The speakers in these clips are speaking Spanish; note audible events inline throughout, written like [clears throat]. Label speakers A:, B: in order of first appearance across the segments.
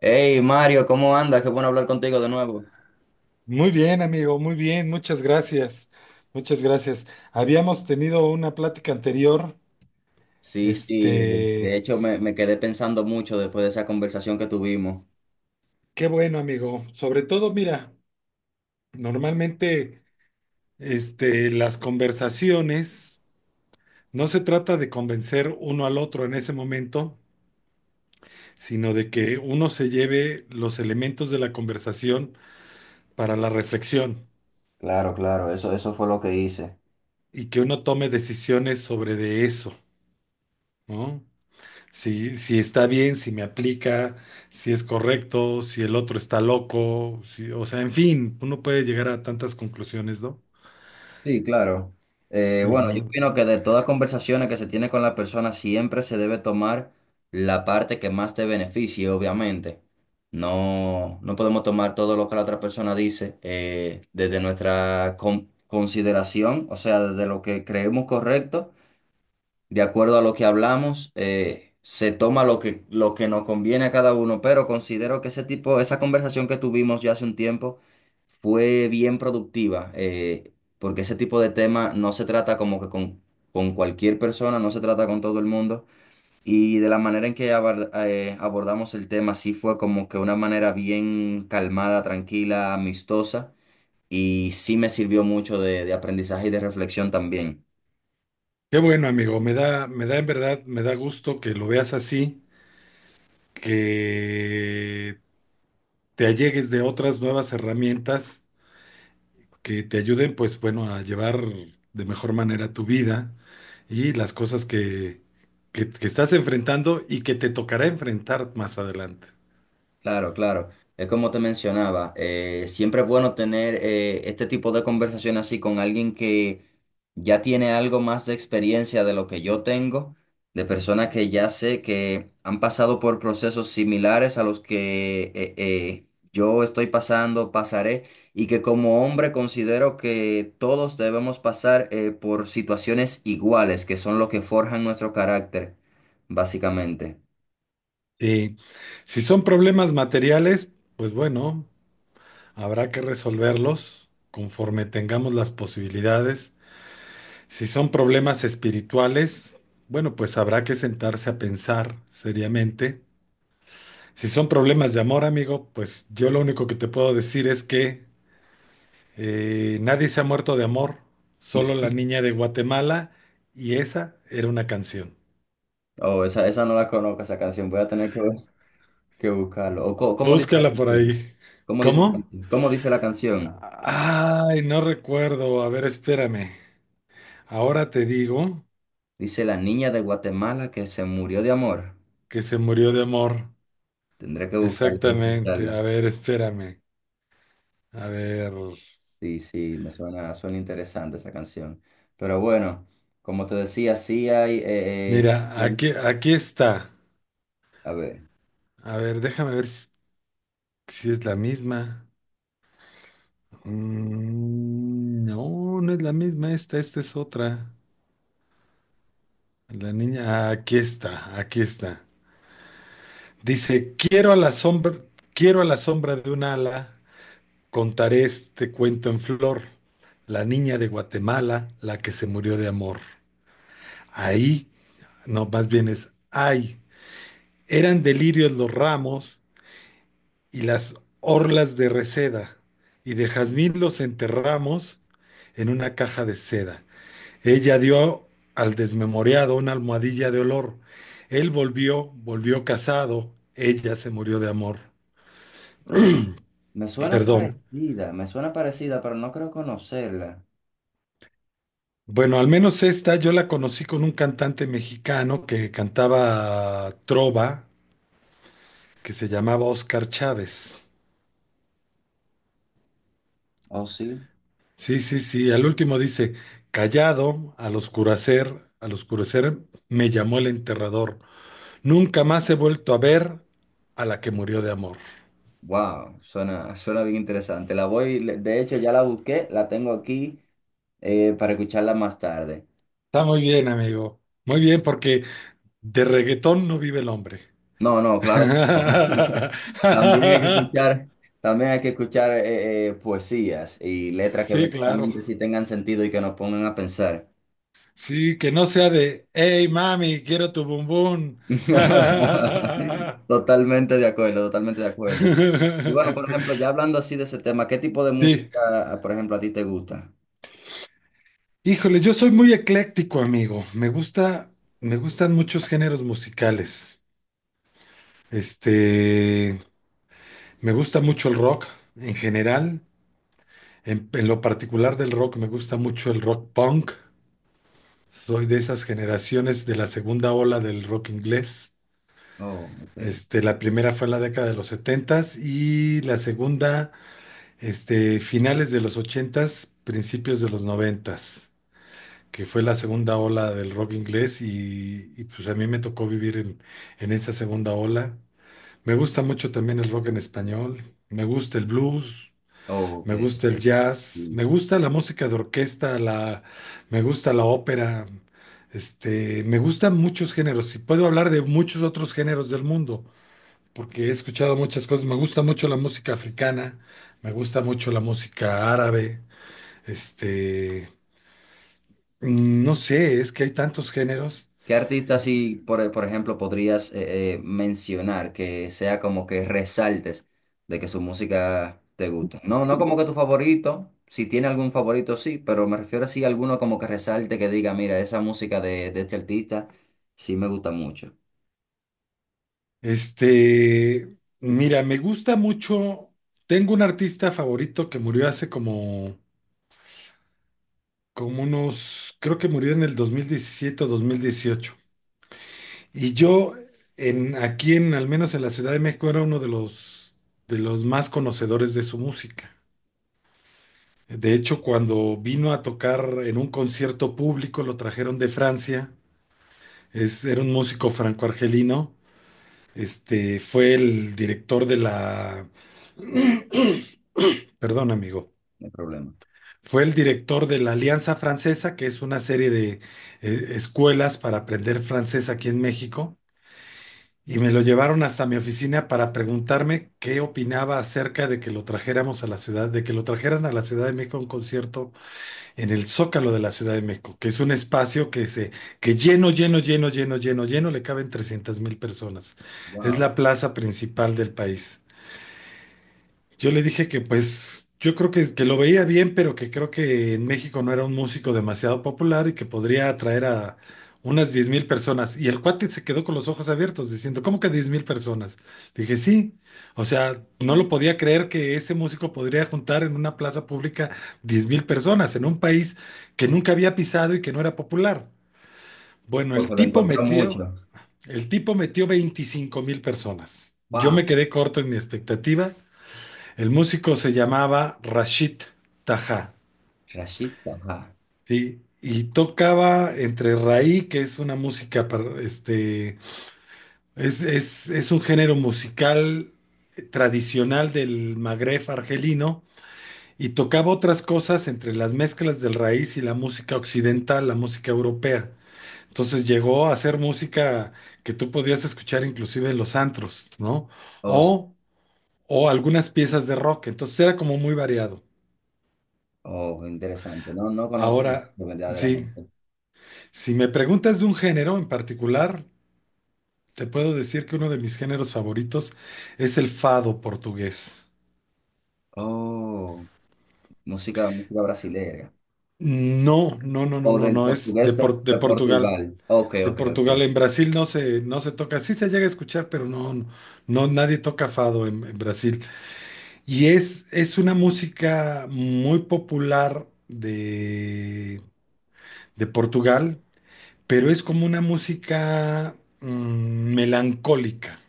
A: Hey Mario, ¿cómo andas? Qué bueno hablar contigo de nuevo.
B: Muy bien, amigo, muy bien, muchas gracias, muchas gracias. Habíamos tenido una plática anterior,
A: Sí, sí, de
B: este,
A: hecho me quedé pensando mucho después de esa conversación que tuvimos.
B: qué bueno, amigo. Sobre todo, mira, normalmente, las conversaciones no se trata de convencer uno al otro en ese momento, sino de que uno se lleve los elementos de la conversación para la reflexión
A: Claro, claro, eso fue lo que hice.
B: y que uno tome decisiones sobre de eso, ¿no? Si está bien, si me aplica, si es correcto, si el otro está loco, o sea, en fin, uno puede llegar a tantas conclusiones, ¿no?
A: Sí, claro. Bueno, yo
B: Ujú.
A: opino que de todas conversaciones que se tiene con la persona siempre se debe tomar la parte que más te beneficie, obviamente. No, no podemos tomar todo lo que la otra persona dice desde nuestra consideración, o sea, desde lo que creemos correcto. De acuerdo a lo que hablamos, se toma lo que nos conviene a cada uno, pero considero que ese tipo, esa conversación que tuvimos ya hace un tiempo fue bien productiva, porque ese tipo de tema no se trata como que con cualquier persona, no se trata con todo el mundo, y de la manera en que abordamos el tema sí fue como que una manera bien calmada, tranquila, amistosa, y sí me sirvió mucho de aprendizaje y de reflexión también.
B: Qué bueno, amigo, me da en verdad, me da gusto que lo veas así, que te allegues de otras nuevas herramientas que te ayuden, pues bueno, a llevar de mejor manera tu vida y las cosas que estás enfrentando y que te tocará enfrentar más adelante.
A: Claro, claro. Es como te mencionaba, siempre es bueno tener este tipo de conversación así con alguien que ya tiene algo más de experiencia de lo que yo tengo, de personas que ya sé que han pasado por procesos similares a los que yo estoy pasando, pasaré, y que como hombre considero que todos debemos pasar por situaciones iguales, que son lo que forjan nuestro carácter, básicamente.
B: Y si son problemas materiales, pues bueno, habrá que resolverlos conforme tengamos las posibilidades. Si son problemas espirituales, bueno, pues habrá que sentarse a pensar seriamente. Si son problemas de amor, amigo, pues yo lo único que te puedo decir es que nadie se ha muerto de amor, solo la niña de Guatemala y esa era una canción.
A: Oh, esa no la conozco, esa canción. Voy a tener que buscarlo. ¿Cómo dice la
B: Búscala por
A: canción?
B: ahí.
A: ¿Cómo dice la
B: ¿Cómo?
A: canción? ¿Cómo dice la canción?
B: Ay, no recuerdo. A ver, espérame. Ahora te digo
A: Dice la niña de Guatemala que se murió de amor.
B: que se murió de amor.
A: Tendré que buscarla y
B: Exactamente.
A: escucharla.
B: A ver, espérame. A ver.
A: Sí, sí, me suena, interesante esa canción. Pero bueno, como te decía, sí hay,
B: Mira, aquí, aquí está.
A: a ver,
B: A ver, déjame ver si, si es la misma. Mm, no, no es la misma esta. Esta es otra. La niña. Ah, aquí está. Aquí está. Dice, quiero a la sombra, quiero a la sombra de un ala. Contaré este cuento en flor, la niña de Guatemala, la que se murió de amor. Ahí, no, más bien es, ay, eran delirios los ramos y las orlas de reseda, y de jazmín los enterramos en una caja de seda. Ella dio al desmemoriado una almohadilla de olor. Él volvió, volvió casado, ella se murió de amor.
A: me suena
B: Perdón.
A: parecida, me suena parecida, pero no creo conocerla.
B: Bueno, al menos esta yo la conocí con un cantante mexicano que cantaba trova, que se llamaba Oscar Chávez.
A: ¿Oh, sí?
B: Sí, sí, sí. Al último dice, callado, al oscurecer me llamó el enterrador. Nunca más he vuelto a ver a la que murió de amor.
A: Wow, suena bien interesante. De hecho ya la busqué, la tengo aquí para escucharla más tarde.
B: Está muy bien, amigo. Muy bien, porque de reggaetón no vive el hombre.
A: No, no,
B: [laughs]
A: claro. Que no. [laughs] También hay que escuchar, también hay que escuchar poesías y letras que
B: Sí, claro.
A: verdaderamente sí tengan sentido y que nos pongan a pensar.
B: Sí, que no sea de, hey mami, quiero tu bumbum.
A: [laughs]
B: [laughs]
A: Totalmente de acuerdo, totalmente de acuerdo. Y bueno, por ejemplo, ya hablando así de ese tema, ¿qué tipo de
B: Sí,
A: música, por ejemplo, a ti te gusta?
B: híjole, yo soy muy ecléctico, amigo. Me gustan muchos géneros musicales. Este, me gusta mucho el rock en general. En lo particular del rock, me gusta mucho el rock punk. Soy de esas generaciones de la segunda ola del rock inglés.
A: Oh, ok.
B: La primera fue en la década de los setentas y la segunda. Finales de los ochentas, principios de los noventas, que fue la segunda ola del rock inglés pues a mí me tocó vivir en esa segunda ola. Me gusta mucho también el rock en español, me gusta el blues,
A: Oh, ok,
B: me gusta el
A: ok.
B: jazz,
A: Sí.
B: me gusta la música de orquesta, la, me gusta la ópera, me gustan muchos géneros y puedo hablar de muchos otros géneros del mundo, porque he escuchado muchas cosas. Me gusta mucho la música africana, me gusta mucho la música árabe, este, no sé, es que hay tantos géneros.
A: ¿Qué artista
B: Es-
A: así, por ejemplo, podrías mencionar que sea como que resaltes de que su música te gusta? No, no como que tu favorito, si tiene algún favorito sí, pero me refiero así a alguno como que resalte que diga, mira, esa música de este artista sí me gusta mucho.
B: Mira, me gusta mucho. Tengo un artista favorito que murió hace como unos, creo que murió en el 2017 o 2018. Y yo, al menos en la Ciudad de México, era uno de los más conocedores de su música. De hecho, cuando vino a tocar en un concierto público, lo trajeron de Francia, era un músico franco-argelino, fue el director de la, [clears throat] perdón, amigo,
A: No hay problema.
B: fue el director de la Alianza Francesa, que es una serie de escuelas para aprender francés aquí en México, y me lo llevaron hasta mi oficina para preguntarme qué opinaba acerca de que lo trajéramos a la ciudad, de que lo trajeran a la Ciudad de México a un concierto en el Zócalo de la Ciudad de México, que es un espacio que lleno, lleno, lleno, lleno, lleno, lleno, le caben 300.000 personas. Es
A: Wow.
B: la plaza principal del país. Yo le dije que pues yo creo que lo veía bien, pero que creo que en México no era un músico demasiado popular y que podría atraer a unas 10.000 personas. Y el cuate se quedó con los ojos abiertos diciendo, ¿cómo que 10.000 personas? Le dije, sí. O sea, no lo podía creer que ese músico podría juntar en una plaza pública 10.000 personas en un país que nunca había pisado y que no era popular. Bueno,
A: O se lo encontró mucho.
B: el tipo metió 25.000 personas. Yo
A: Wow,
B: me quedé corto en mi expectativa. El músico se llamaba Rashid Taha,
A: Rashid Taha.
B: ¿sí? Y tocaba entre raí, que es una música, es un género musical tradicional del Magreb argelino, y tocaba otras cosas entre las mezclas del raíz y la música occidental, la música europea. Entonces llegó a hacer música que tú podías escuchar inclusive en los antros, ¿no?
A: Oh, s-
B: O, o algunas piezas de rock. Entonces era como muy variado.
A: oh, interesante. No, no conozco
B: Ahora, sí.
A: verdaderamente.
B: Si me preguntas de un género en particular, te puedo decir que uno de mis géneros favoritos es el fado portugués.
A: Oh, música, música brasileña.
B: No, no, no,
A: O
B: no, no,
A: del
B: no,
A: portugués de,
B: De
A: de
B: Portugal.
A: Portugal. Ok,
B: De
A: ok, ok.
B: Portugal, en Brasil no se toca, sí se llega a escuchar, pero no, no, no, nadie toca fado en Brasil. Y es una música muy popular de Portugal, pero es como una música melancólica.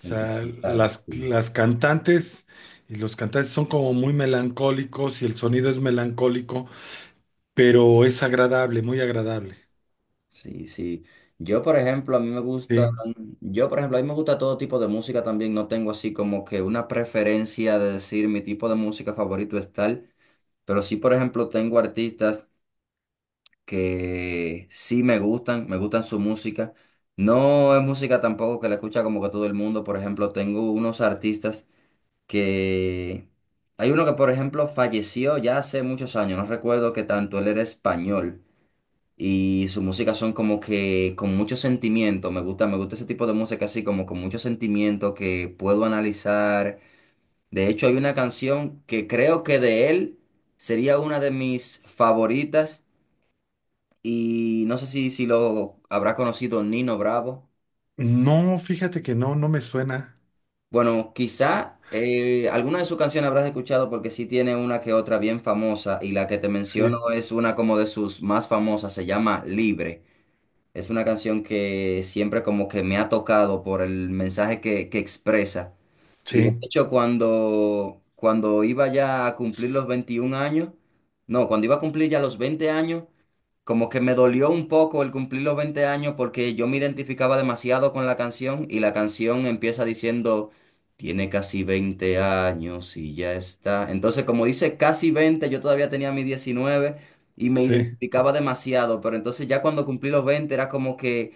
B: O sea, las,
A: sí.
B: las cantantes y los cantantes son como muy melancólicos y el sonido es melancólico, pero es agradable, muy agradable.
A: Sí, sí. Yo, por ejemplo, a mí me gusta,
B: Sí.
A: yo, por ejemplo, a mí me gusta todo tipo de música también. No tengo así como que una preferencia de decir mi tipo de música favorito es tal, pero sí, por ejemplo, tengo artistas que sí me gustan su música. No es música tampoco que la escucha como que todo el mundo. Por ejemplo, tengo unos artistas. Que hay uno que, por ejemplo, falleció ya hace muchos años, no recuerdo qué tanto, él era español y su música son como que con mucho sentimiento, me gusta ese tipo de música así como con mucho sentimiento que puedo analizar. De hecho, hay una canción que creo que de él sería una de mis favoritas y no sé si, si lo habrá conocido Nino Bravo.
B: No, fíjate que no, no me suena.
A: Bueno, quizá alguna de sus canciones habrás escuchado porque sí tiene una que otra bien famosa y la que te menciono
B: Sí,
A: es una como de sus más famosas, se llama Libre. Es una canción que siempre como que me ha tocado por el mensaje que expresa. Y de
B: sí,
A: hecho cuando iba ya a cumplir los 21 años, no, cuando iba a cumplir ya los 20 años, como que me dolió un poco el cumplir los 20 años porque yo me identificaba demasiado con la canción y la canción empieza diciendo, tiene casi 20 años y ya está. Entonces, como dice casi 20, yo todavía tenía mis 19 y me
B: sí.
A: identificaba demasiado, pero entonces ya cuando cumplí los 20 era como que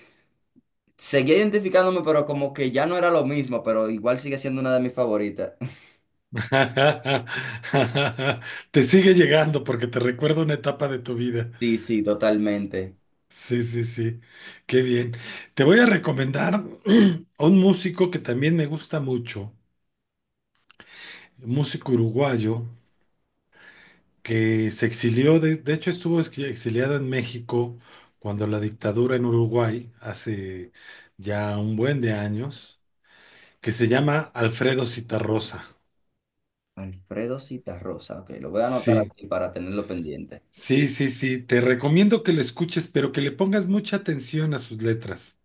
A: seguía identificándome, pero como que ya no era lo mismo, pero igual sigue siendo una de mis favoritas. [laughs]
B: [laughs] Te sigue llegando porque te recuerda una etapa de tu vida.
A: Sí, sí, totalmente.
B: Sí, sí, sí. Qué bien. Te voy a recomendar [clears throat] a un músico que también me gusta mucho, un músico uruguayo que se exilió, de hecho estuvo exiliada en México cuando la dictadura en Uruguay, hace ya un buen de años, que se llama Alfredo Citarrosa.
A: Alfredo Citarrosa, ok, lo voy a anotar
B: Sí,
A: aquí para tenerlo pendiente.
B: sí, sí, sí, te recomiendo que lo escuches, pero que le pongas mucha atención a sus letras.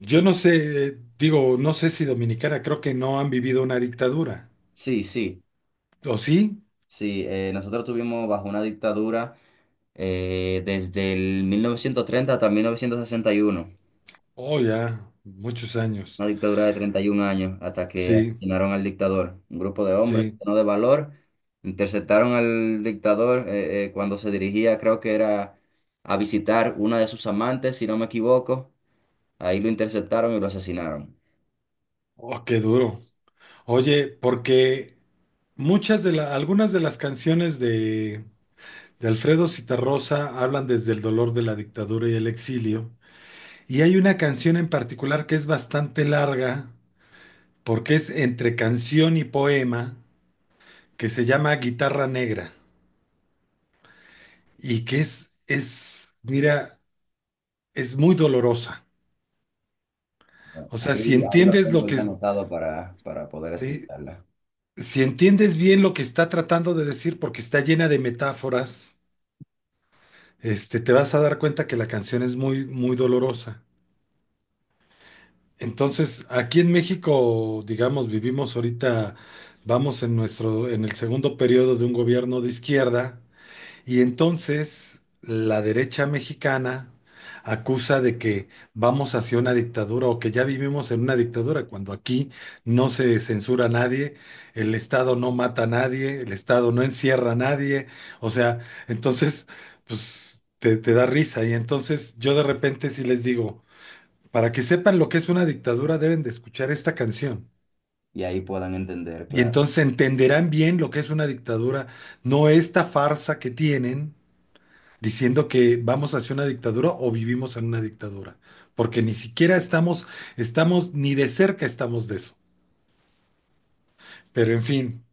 B: Yo no sé, digo, no sé si dominicana, creo que no han vivido una dictadura.
A: Sí, sí.
B: ¿O sí?
A: Sí, nosotros tuvimos bajo una dictadura desde el 1930 hasta 1961,
B: Oh, ya, muchos años.
A: una dictadura de 31 años, hasta que
B: Sí,
A: asesinaron al dictador. Un grupo de hombres
B: sí.
A: llenos de valor interceptaron al dictador cuando se dirigía, creo que era a visitar una de sus amantes, si no me equivoco. Ahí lo interceptaron y lo asesinaron.
B: Oh, qué duro. Oye, porque algunas de las canciones de Alfredo Zitarrosa hablan desde el dolor de la dictadura y el exilio. Y hay una canción en particular que es bastante larga, porque es entre canción y poema, que se llama Guitarra Negra, y que es, mira, es muy dolorosa.
A: Bueno,
B: O sea,
A: ahí lo tengo ya anotado para poder
B: eh,
A: escucharla
B: si entiendes bien lo que está tratando de decir, porque está llena de metáforas, te vas a dar cuenta que la canción es muy, muy dolorosa. Entonces, aquí en México, digamos, vivimos ahorita, vamos en nuestro, en el segundo periodo de un gobierno de izquierda, y entonces la derecha mexicana acusa de que vamos hacia una dictadura o que ya vivimos en una dictadura, cuando aquí no se censura a nadie, el Estado no mata a nadie, el Estado no encierra a nadie, o sea, entonces, pues te da risa, y entonces yo de repente sí les digo. Para que sepan lo que es una dictadura, deben de escuchar esta canción.
A: y ahí puedan entender,
B: Y
A: claro.
B: entonces entenderán bien lo que es una dictadura, no esta farsa que tienen diciendo que vamos hacia una dictadura o vivimos en una dictadura, porque ni siquiera estamos, estamos, ni de cerca estamos de eso. Pero en fin,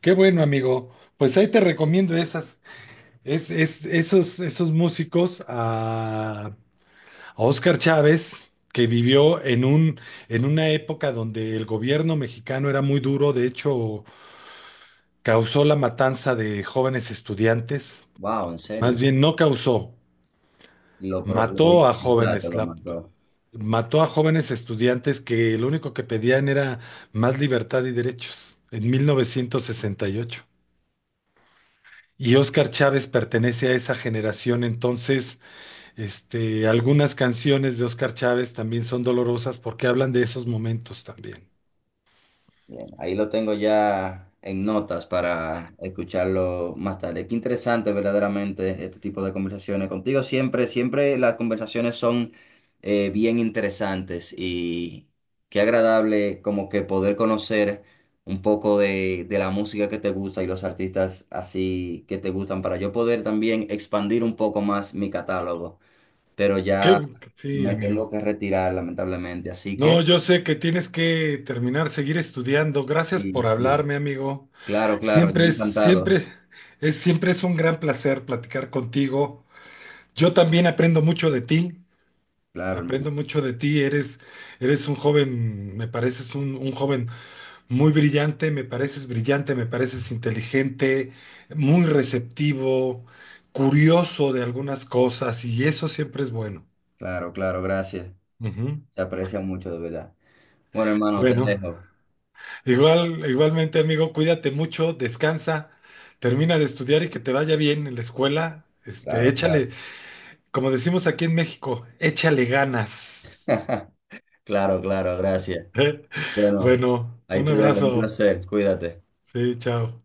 B: qué bueno, amigo. Pues ahí te recomiendo esas, es- esos, esos músicos a Óscar Chávez, que vivió en una época donde el gobierno mexicano era muy duro, de hecho, causó la matanza de jóvenes estudiantes,
A: Wow, en
B: más
A: serio.
B: bien no causó,
A: Lo
B: mató a
A: hice, ya te
B: jóvenes,
A: lo
B: la-
A: mandó.
B: mató a jóvenes estudiantes que lo único que pedían era más libertad y derechos en 1968. Y ocho. Y Óscar Chávez pertenece a esa generación, entonces, algunas canciones de Óscar Chávez también son dolorosas porque hablan de esos momentos también.
A: Bien, ahí lo tengo ya en notas para escucharlo más tarde. Qué interesante verdaderamente este tipo de conversaciones contigo. Siempre, siempre las conversaciones son bien interesantes y qué agradable como que poder conocer un poco de la música que te gusta y los artistas así que te gustan para yo poder también expandir un poco más mi catálogo. Pero ya
B: Sí,
A: me
B: amigo.
A: tengo que retirar lamentablemente, así
B: No,
A: que...
B: yo sé que tienes que terminar, seguir estudiando. Gracias
A: Sí,
B: por
A: sí.
B: hablarme, amigo.
A: Claro, claro, yo
B: Siempre es,
A: encantado.
B: siempre siempre es un gran placer platicar contigo. Yo también aprendo mucho de ti.
A: Claro, hermano.
B: Aprendo mucho de ti. Eres un joven, me pareces un joven muy brillante, me pareces inteligente, muy receptivo, curioso de algunas cosas, y eso siempre es bueno.
A: Claro, claro, gracias.
B: Ujú.
A: Se aprecia mucho, de verdad. Bueno, hermano, te
B: Bueno.
A: dejo.
B: Igual, igualmente, amigo, cuídate mucho, descansa, termina de estudiar y que te vaya bien en la escuela.
A: Claro, claro.
B: Échale, como decimos aquí en México, échale ganas.
A: [laughs] Claro, claro, gracias.
B: [laughs]
A: Bueno,
B: Bueno,
A: ahí
B: un
A: te dejo. Un
B: abrazo.
A: placer. Cuídate.
B: Sí, chao.